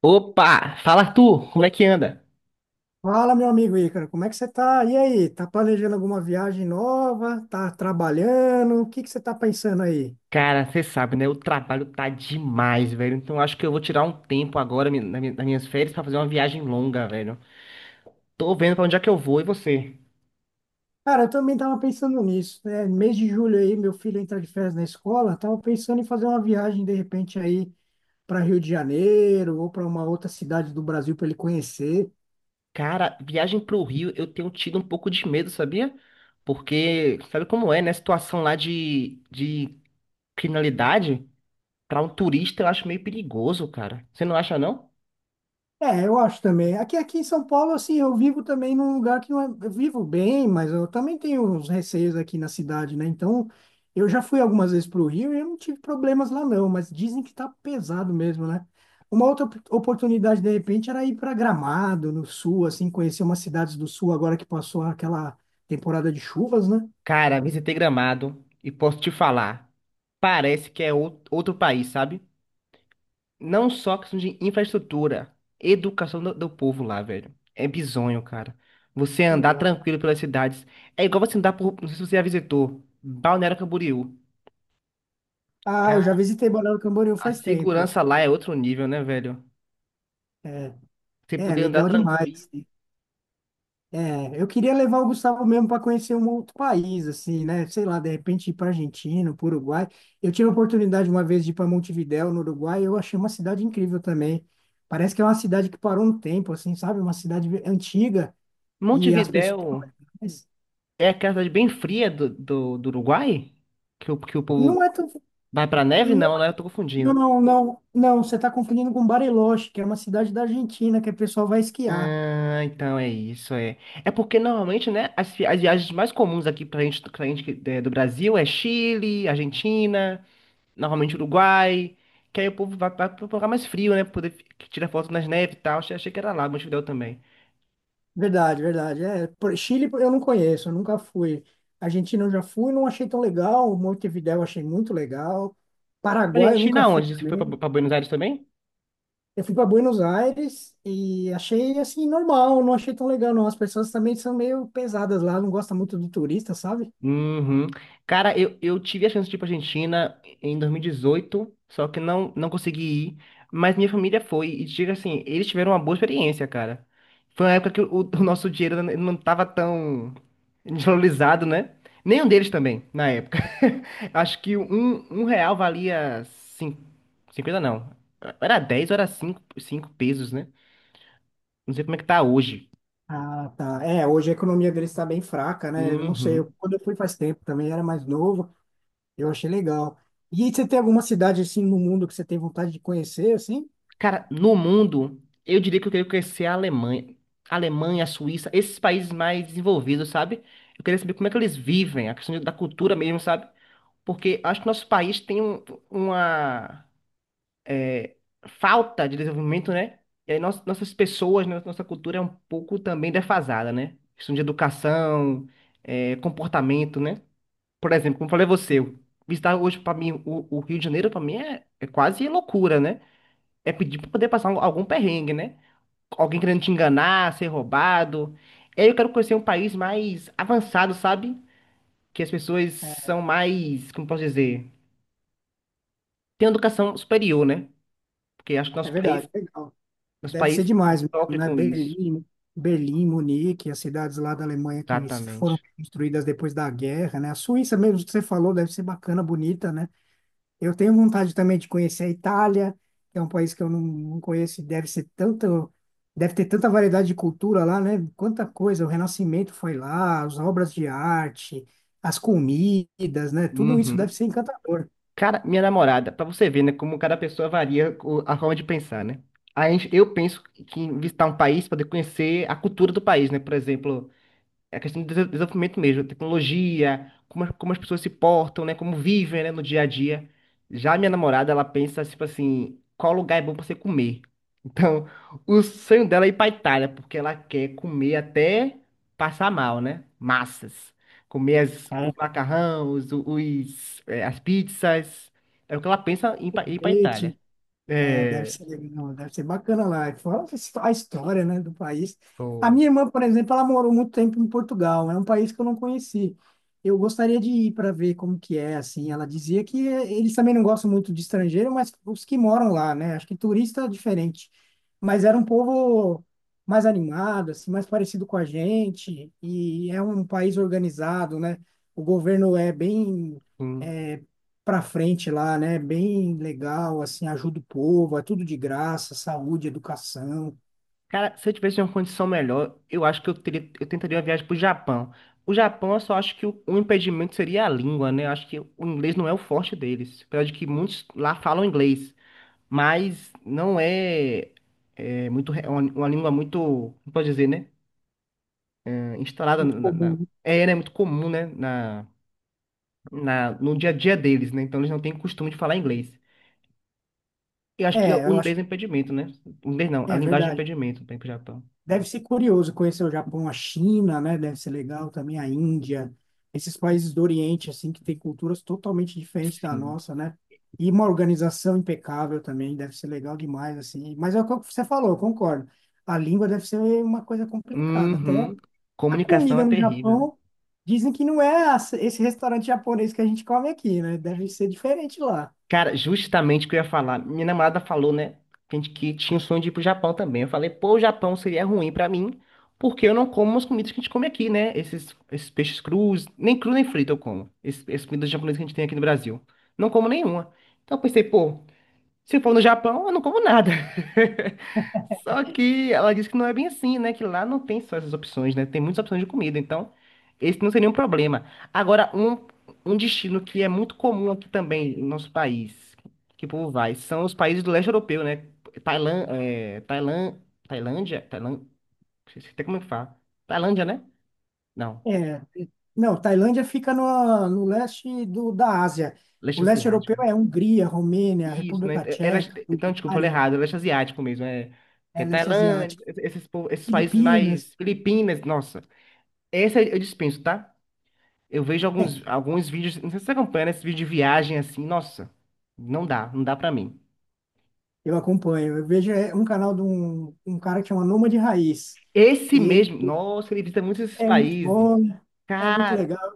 Opa, fala Arthur, como é que anda? Fala, meu amigo Ícaro, como é que você tá? E aí, tá planejando alguma viagem nova? Tá trabalhando? O que você tá pensando aí? Cara, você sabe, né? O trabalho tá demais, velho. Então acho que eu vou tirar um tempo agora nas minhas férias pra fazer uma viagem longa, velho. Tô vendo pra onde é que eu vou e você? Cara, eu também tava pensando nisso, né? Mês de julho aí, meu filho entra de férias na escola, tava pensando em fazer uma viagem de repente aí para Rio de Janeiro ou para uma outra cidade do Brasil para ele conhecer. Cara, viagem pro Rio, eu tenho tido um pouco de medo, sabia? Porque sabe como é, né? A situação lá de criminalidade, pra um turista eu acho meio perigoso, cara. Você não acha, não? É, eu acho também. Aqui em São Paulo, assim, eu vivo também num lugar que não é... Eu vivo bem, mas eu também tenho uns receios aqui na cidade, né? Então, eu já fui algumas vezes para o Rio e eu não tive problemas lá, não. Mas dizem que tá pesado mesmo, né? Uma outra oportunidade, de repente, era ir para Gramado, no sul, assim, conhecer umas cidades do sul agora que passou aquela temporada de chuvas, né? Cara, visitei Gramado e posso te falar, parece que é outro país, sabe? Não só questão de infraestrutura, educação do povo lá, velho. É bizonho, cara. Você Que andar legal. tranquilo pelas cidades. É igual você andar por. Não sei se você já visitou. Balneário Camboriú. Ah, eu já Cara, visitei Balneário Camboriú a faz tempo. segurança lá é outro nível, né, velho? Você É, poder andar legal demais. tranquilo. Assim. É, eu queria levar o Gustavo mesmo para conhecer um outro país, assim, né? Sei lá, de repente ir para Argentina, para Uruguai. Eu tive a oportunidade uma vez de ir para Montevidéu, no Uruguai, e eu achei uma cidade incrível também. Parece que é uma cidade que parou no tempo, assim, sabe? Uma cidade antiga e as Montevidéu pessoas são legais. é aquela cidade bem fria do Uruguai? Que o povo Não é tão. vai pra neve? Não, né? Eu Não, tô confundindo. não, não, não. Você está confundindo com Bariloche, que é uma cidade da Argentina que o pessoal vai esquiar. Ah, então é isso, é. É porque normalmente, né, as viagens mais comuns aqui pra gente, do Brasil é Chile, Argentina, normalmente Uruguai, que aí o povo vai pro lugar mais frio, né, pra poder tirar foto nas neves e tal. Achei que era lá, Montevidéu também. Verdade, verdade. É, por- Chile eu não conheço, eu nunca fui. Argentina eu já fui, não achei tão legal. Montevidéu eu achei muito legal. Foi pra Paraguai eu nunca Argentina fui onde? Você foi pra, também. pra Buenos Aires também? Eu fui para Buenos Aires e achei assim normal, não achei tão legal não. As pessoas também são meio pesadas lá, não gostam muito do turista, sabe? Uhum. Cara, eu tive a chance de ir pra Argentina em 2018 só que não consegui ir, mas minha família foi, e diga assim, eles tiveram uma boa experiência, cara. Foi uma época que o nosso dinheiro não tava tão desvalorizado, né? Nenhum deles também, na época. Acho que um real valia cinco cinquenta não. Era 10 ou era cinco pesos, né? Não sei como é que tá hoje. Ah, tá. É, hoje a economia deles está bem fraca, né? Eu não sei, eu, Uhum. quando eu fui faz tempo também era mais novo, eu achei legal. E você tem alguma cidade assim no mundo que você tem vontade de conhecer, assim? Cara, no mundo, eu diria que eu queria conhecer a Alemanha. A Alemanha, a Suíça, esses países mais desenvolvidos, sabe? Eu queria saber como é que eles vivem, a questão da cultura mesmo, sabe? Porque acho que nosso país tem uma é, falta de desenvolvimento, né? E aí nossas pessoas, né, nossa cultura é um pouco também defasada, né? Questão de educação, comportamento, né? Por exemplo, como falei a você, visitar hoje para mim o Rio de Janeiro, para mim é quase loucura, né? É pedir para poder passar algum perrengue, né? Alguém querendo te enganar, ser roubado. E aí eu quero conhecer um país mais avançado, sabe? Que as pessoas É, são mais, como posso dizer, têm uma educação superior, né? Porque acho que é verdade, legal. nosso Deve ser país demais mesmo, sofre né? com isso. Berlim, Munique, as cidades lá da Alemanha que foram Exatamente. construídas depois da guerra, né? A Suíça mesmo que você falou deve ser bacana, bonita, né? Eu tenho vontade também de conhecer a Itália, que é um país que eu não conheço, e deve ser tanto, deve ter tanta variedade de cultura lá, né? Quanta coisa, o Renascimento foi lá, as obras de arte, as comidas, né? Tudo isso deve Uhum. ser encantador. Cara, minha namorada, pra você ver, né, como cada pessoa varia a forma de pensar, né? A gente, eu penso que em visitar um país, poder conhecer a cultura do país, né? Por exemplo, é a questão do desenvolvimento mesmo, tecnologia, como, como as pessoas se portam, né? Como vivem, né, no dia a dia. Já a minha namorada, ela pensa, tipo assim, qual lugar é bom pra você comer? Então, o sonho dela é ir pra Itália, porque ela quer comer até passar mal, né? Massas. Comer os macarrão, as pizzas. É o que ela pensa em ir pra É. Itália. É, deve É, ser legal, deve ser bacana lá. E fora a história, né, do país. A pô, minha irmã, por exemplo, ela morou muito tempo em Portugal. É um país que eu não conheci. Eu gostaria de ir para ver como que é, assim. Ela dizia que eles também não gostam muito de estrangeiro, mas os que moram lá, né? Acho que turista é diferente. Mas era um povo mais animado, assim, mais parecido com a gente. E é um país organizado, né? O governo é bem sim. é, para frente lá, né? Bem legal, assim, ajuda o povo, é tudo de graça, saúde, educação, Cara, se eu tivesse uma condição melhor, eu acho que eu teria, eu tentaria uma viagem pro Japão. O Japão, eu só acho que o impedimento seria a língua, né? Eu acho que o inglês não é o forte deles. Apesar de que muitos lá falam inglês, mas não é muito, é uma língua muito, como pode dizer, né? É, instalada muito na, comum. Né? Muito comum, né? No dia a dia deles, né? Então eles não têm costume de falar inglês. Eu acho que É, o eu acho, inglês é um impedimento, né? O inglês não, que a é linguagem é um verdade. impedimento para ir pro Japão. Deve ser curioso conhecer o Japão, a China, né? Deve ser legal também a Índia, esses países do Oriente, assim, que têm culturas totalmente diferentes da Sim. nossa, né? E uma organização impecável também, deve ser legal demais, assim. Mas é o que você falou, eu concordo. A língua deve ser uma coisa complicada, até Uhum. a Comunicação é comida no terrível, né? Japão, dizem que não é esse restaurante japonês que a gente come aqui, né? Deve ser diferente lá. Cara, justamente o que eu ia falar. Minha namorada falou, né? Que que tinha o sonho de ir pro Japão também. Eu falei, pô, o Japão seria ruim pra mim, porque eu não como as comidas que a gente come aqui, né? Esses peixes crus, nem cru nem frito eu como. Essas comidas japonesas que a gente tem aqui no Brasil. Não como nenhuma. Então eu pensei, pô. Se for no Japão, eu não como nada. Só que ela disse que não é bem assim, né? Que lá não tem só essas opções, né? Tem muitas opções de comida, então esse não seria um problema. Agora, um destino que é muito comum aqui também no nosso país, que o povo vai, são os países do leste europeu, né? Tailã, é, Tailã, Tailândia, Tailândia, não sei até como é que fala. Tailândia, né? Não, É, não, Tailândia fica no leste da Ásia. O leste leste asiático. europeu é Hungria, Romênia, Isso, né? República Era, Tcheca, então, desculpa, falei Bulgária, errado, era asiático mesmo, é. Que é é leste Tailândia, asiático, esses países mais. Filipinas. Filipinas, nossa. Esse eu dispenso, tá? Eu vejo É, alguns vídeos, não sei se você acompanha, né? Esse vídeo de viagem assim, nossa, não dá, não dá pra mim. eu acompanho. Eu vejo é, um canal de um cara que chama Nômade Raiz. Esse E ele mesmo, nossa, ele visita muitos esses é muito países. bom, é muito Cara, legal.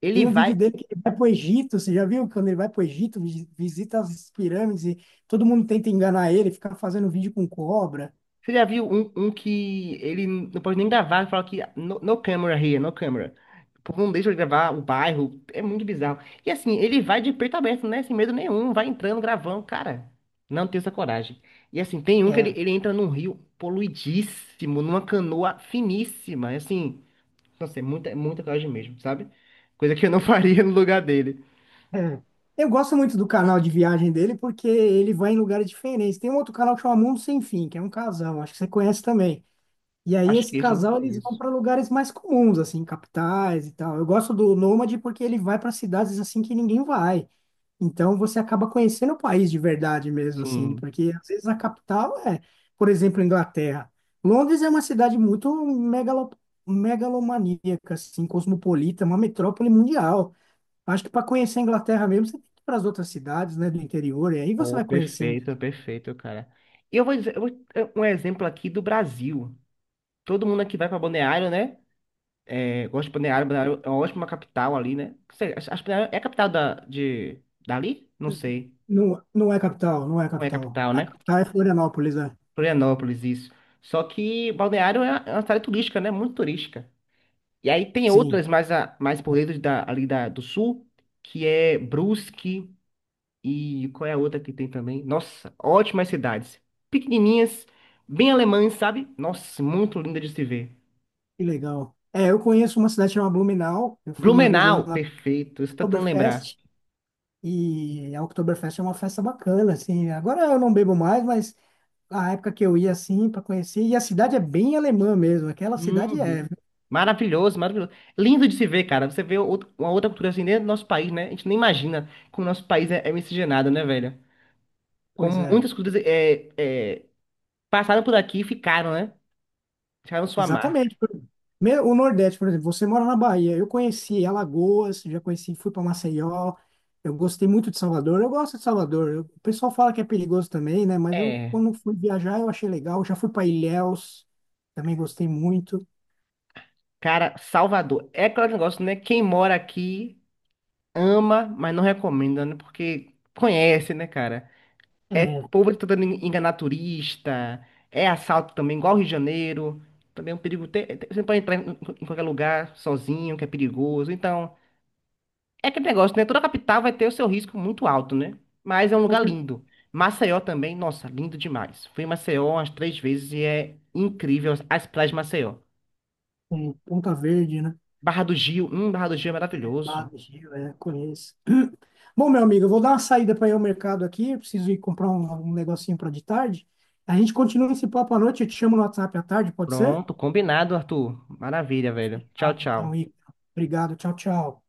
ele Tem um vai. vídeo dele que ele vai pro Egito, você já viu? Quando ele vai pro Egito, visita as pirâmides e todo mundo tenta enganar ele, fica fazendo vídeo com cobra. Você já viu um que ele não pode nem gravar, fala que no, no camera here, no camera. O povo não deixa ele gravar o bairro, é muito bizarro. E assim, ele vai de peito aberto, né? Sem medo nenhum, vai entrando, gravando, cara. Não tem essa coragem. E assim, tem um que ele, É, ele entra num rio poluidíssimo, numa canoa finíssima. Assim, nossa, é muita coragem mesmo, sabe? Coisa que eu não faria no lugar dele. é. Eu gosto muito do canal de viagem dele porque ele vai em lugares diferentes. Tem um outro canal que chama Mundo Sem Fim, que é um casal, acho que você conhece também. E aí Acho esse que esse eu não casal eles vão conheço. para lugares mais comuns, assim, capitais e tal. Eu gosto do Nômade porque ele vai para cidades assim que ninguém vai. Então você acaba conhecendo o país de verdade mesmo, assim, Sim. porque às vezes a capital é, por exemplo, Inglaterra. Londres é uma cidade muito megalomaníaca, assim, cosmopolita, uma metrópole mundial. Acho que para conhecer a Inglaterra mesmo, você tem que ir para as outras cidades, né, do interior, e aí você Oh, vai conhecer mesmo. perfeito, perfeito, cara. E eu vou dizer, é um exemplo aqui do Brasil. Todo mundo aqui vai para Balneário, né? É, gosta de Balneário, Balneário é uma ótima capital ali, né? Não sei, acho que Balneário é a capital da, de, dali? Não sei. Não, não é capital, não é Não é a capital. capital, A né? capital é Florianópolis, né? Florianópolis, isso. Só que Balneário é uma cidade turística, né? Muito turística. E aí tem Sim, outras mais, mais por dentro do sul, que é Brusque. E qual é a outra que tem também? Nossa, ótimas cidades. Pequenininhas, bem alemãs, sabe? Nossa, muito linda de se ver. que legal. É, eu conheço uma cidade chamada Blumenau, eu fui uma vez lá Blumenau, na perfeito. Estou tentando lembrar. Oktoberfest. E a Oktoberfest é uma festa bacana, assim. Agora eu não bebo mais, mas a época que eu ia, assim, para conhecer. E a cidade é bem alemã mesmo, aquela cidade é. Uhum. Viu? Maravilhoso, maravilhoso. Lindo de se ver, cara. Você vê uma outra cultura assim dentro do nosso país, né? A gente nem imagina como o nosso país é miscigenado, né, velho? Pois Como é, muitas culturas passaram por aqui e ficaram, né? Deixaram sua marca. exatamente. Por- Me- O Nordeste, por exemplo, você mora na Bahia. Eu conheci Alagoas, já conheci, fui para Maceió. Eu gostei muito de Salvador. Eu gosto de Salvador. Eu- O pessoal fala que é perigoso também, né? Mas eu, É, quando fui viajar, eu achei legal. Já fui para Ilhéus, também gostei muito. cara, Salvador. É aquele negócio, né? Quem mora aqui, ama, mas não recomenda, né? Porque conhece, né, cara? É É, povo tá tentando enganar turista, é assalto também, igual ao Rio de Janeiro. Também é um perigo. Você não pode entrar em qualquer lugar sozinho, que é perigoso. Então, é aquele negócio, né? Toda capital vai ter o seu risco muito alto, né? Mas é um com lugar certeza, lindo. Maceió também, nossa, lindo demais. Fui em Maceió umas 3 vezes e é incrível as praias de Maceió. Ponta Verde, né? Barra do Gil é Barra maravilhoso. do Gil, é, conheço. Bom, meu amigo, eu vou dar uma saída para ir ao mercado aqui. Eu preciso ir comprar um negocinho para de tarde. A gente continua esse papo à noite. Eu te chamo no WhatsApp à tarde, pode ser? Pronto, combinado, Arthur. Maravilha, velho. Tchau, Fechado, então, tchau. Igor. Obrigado. Tchau, tchau.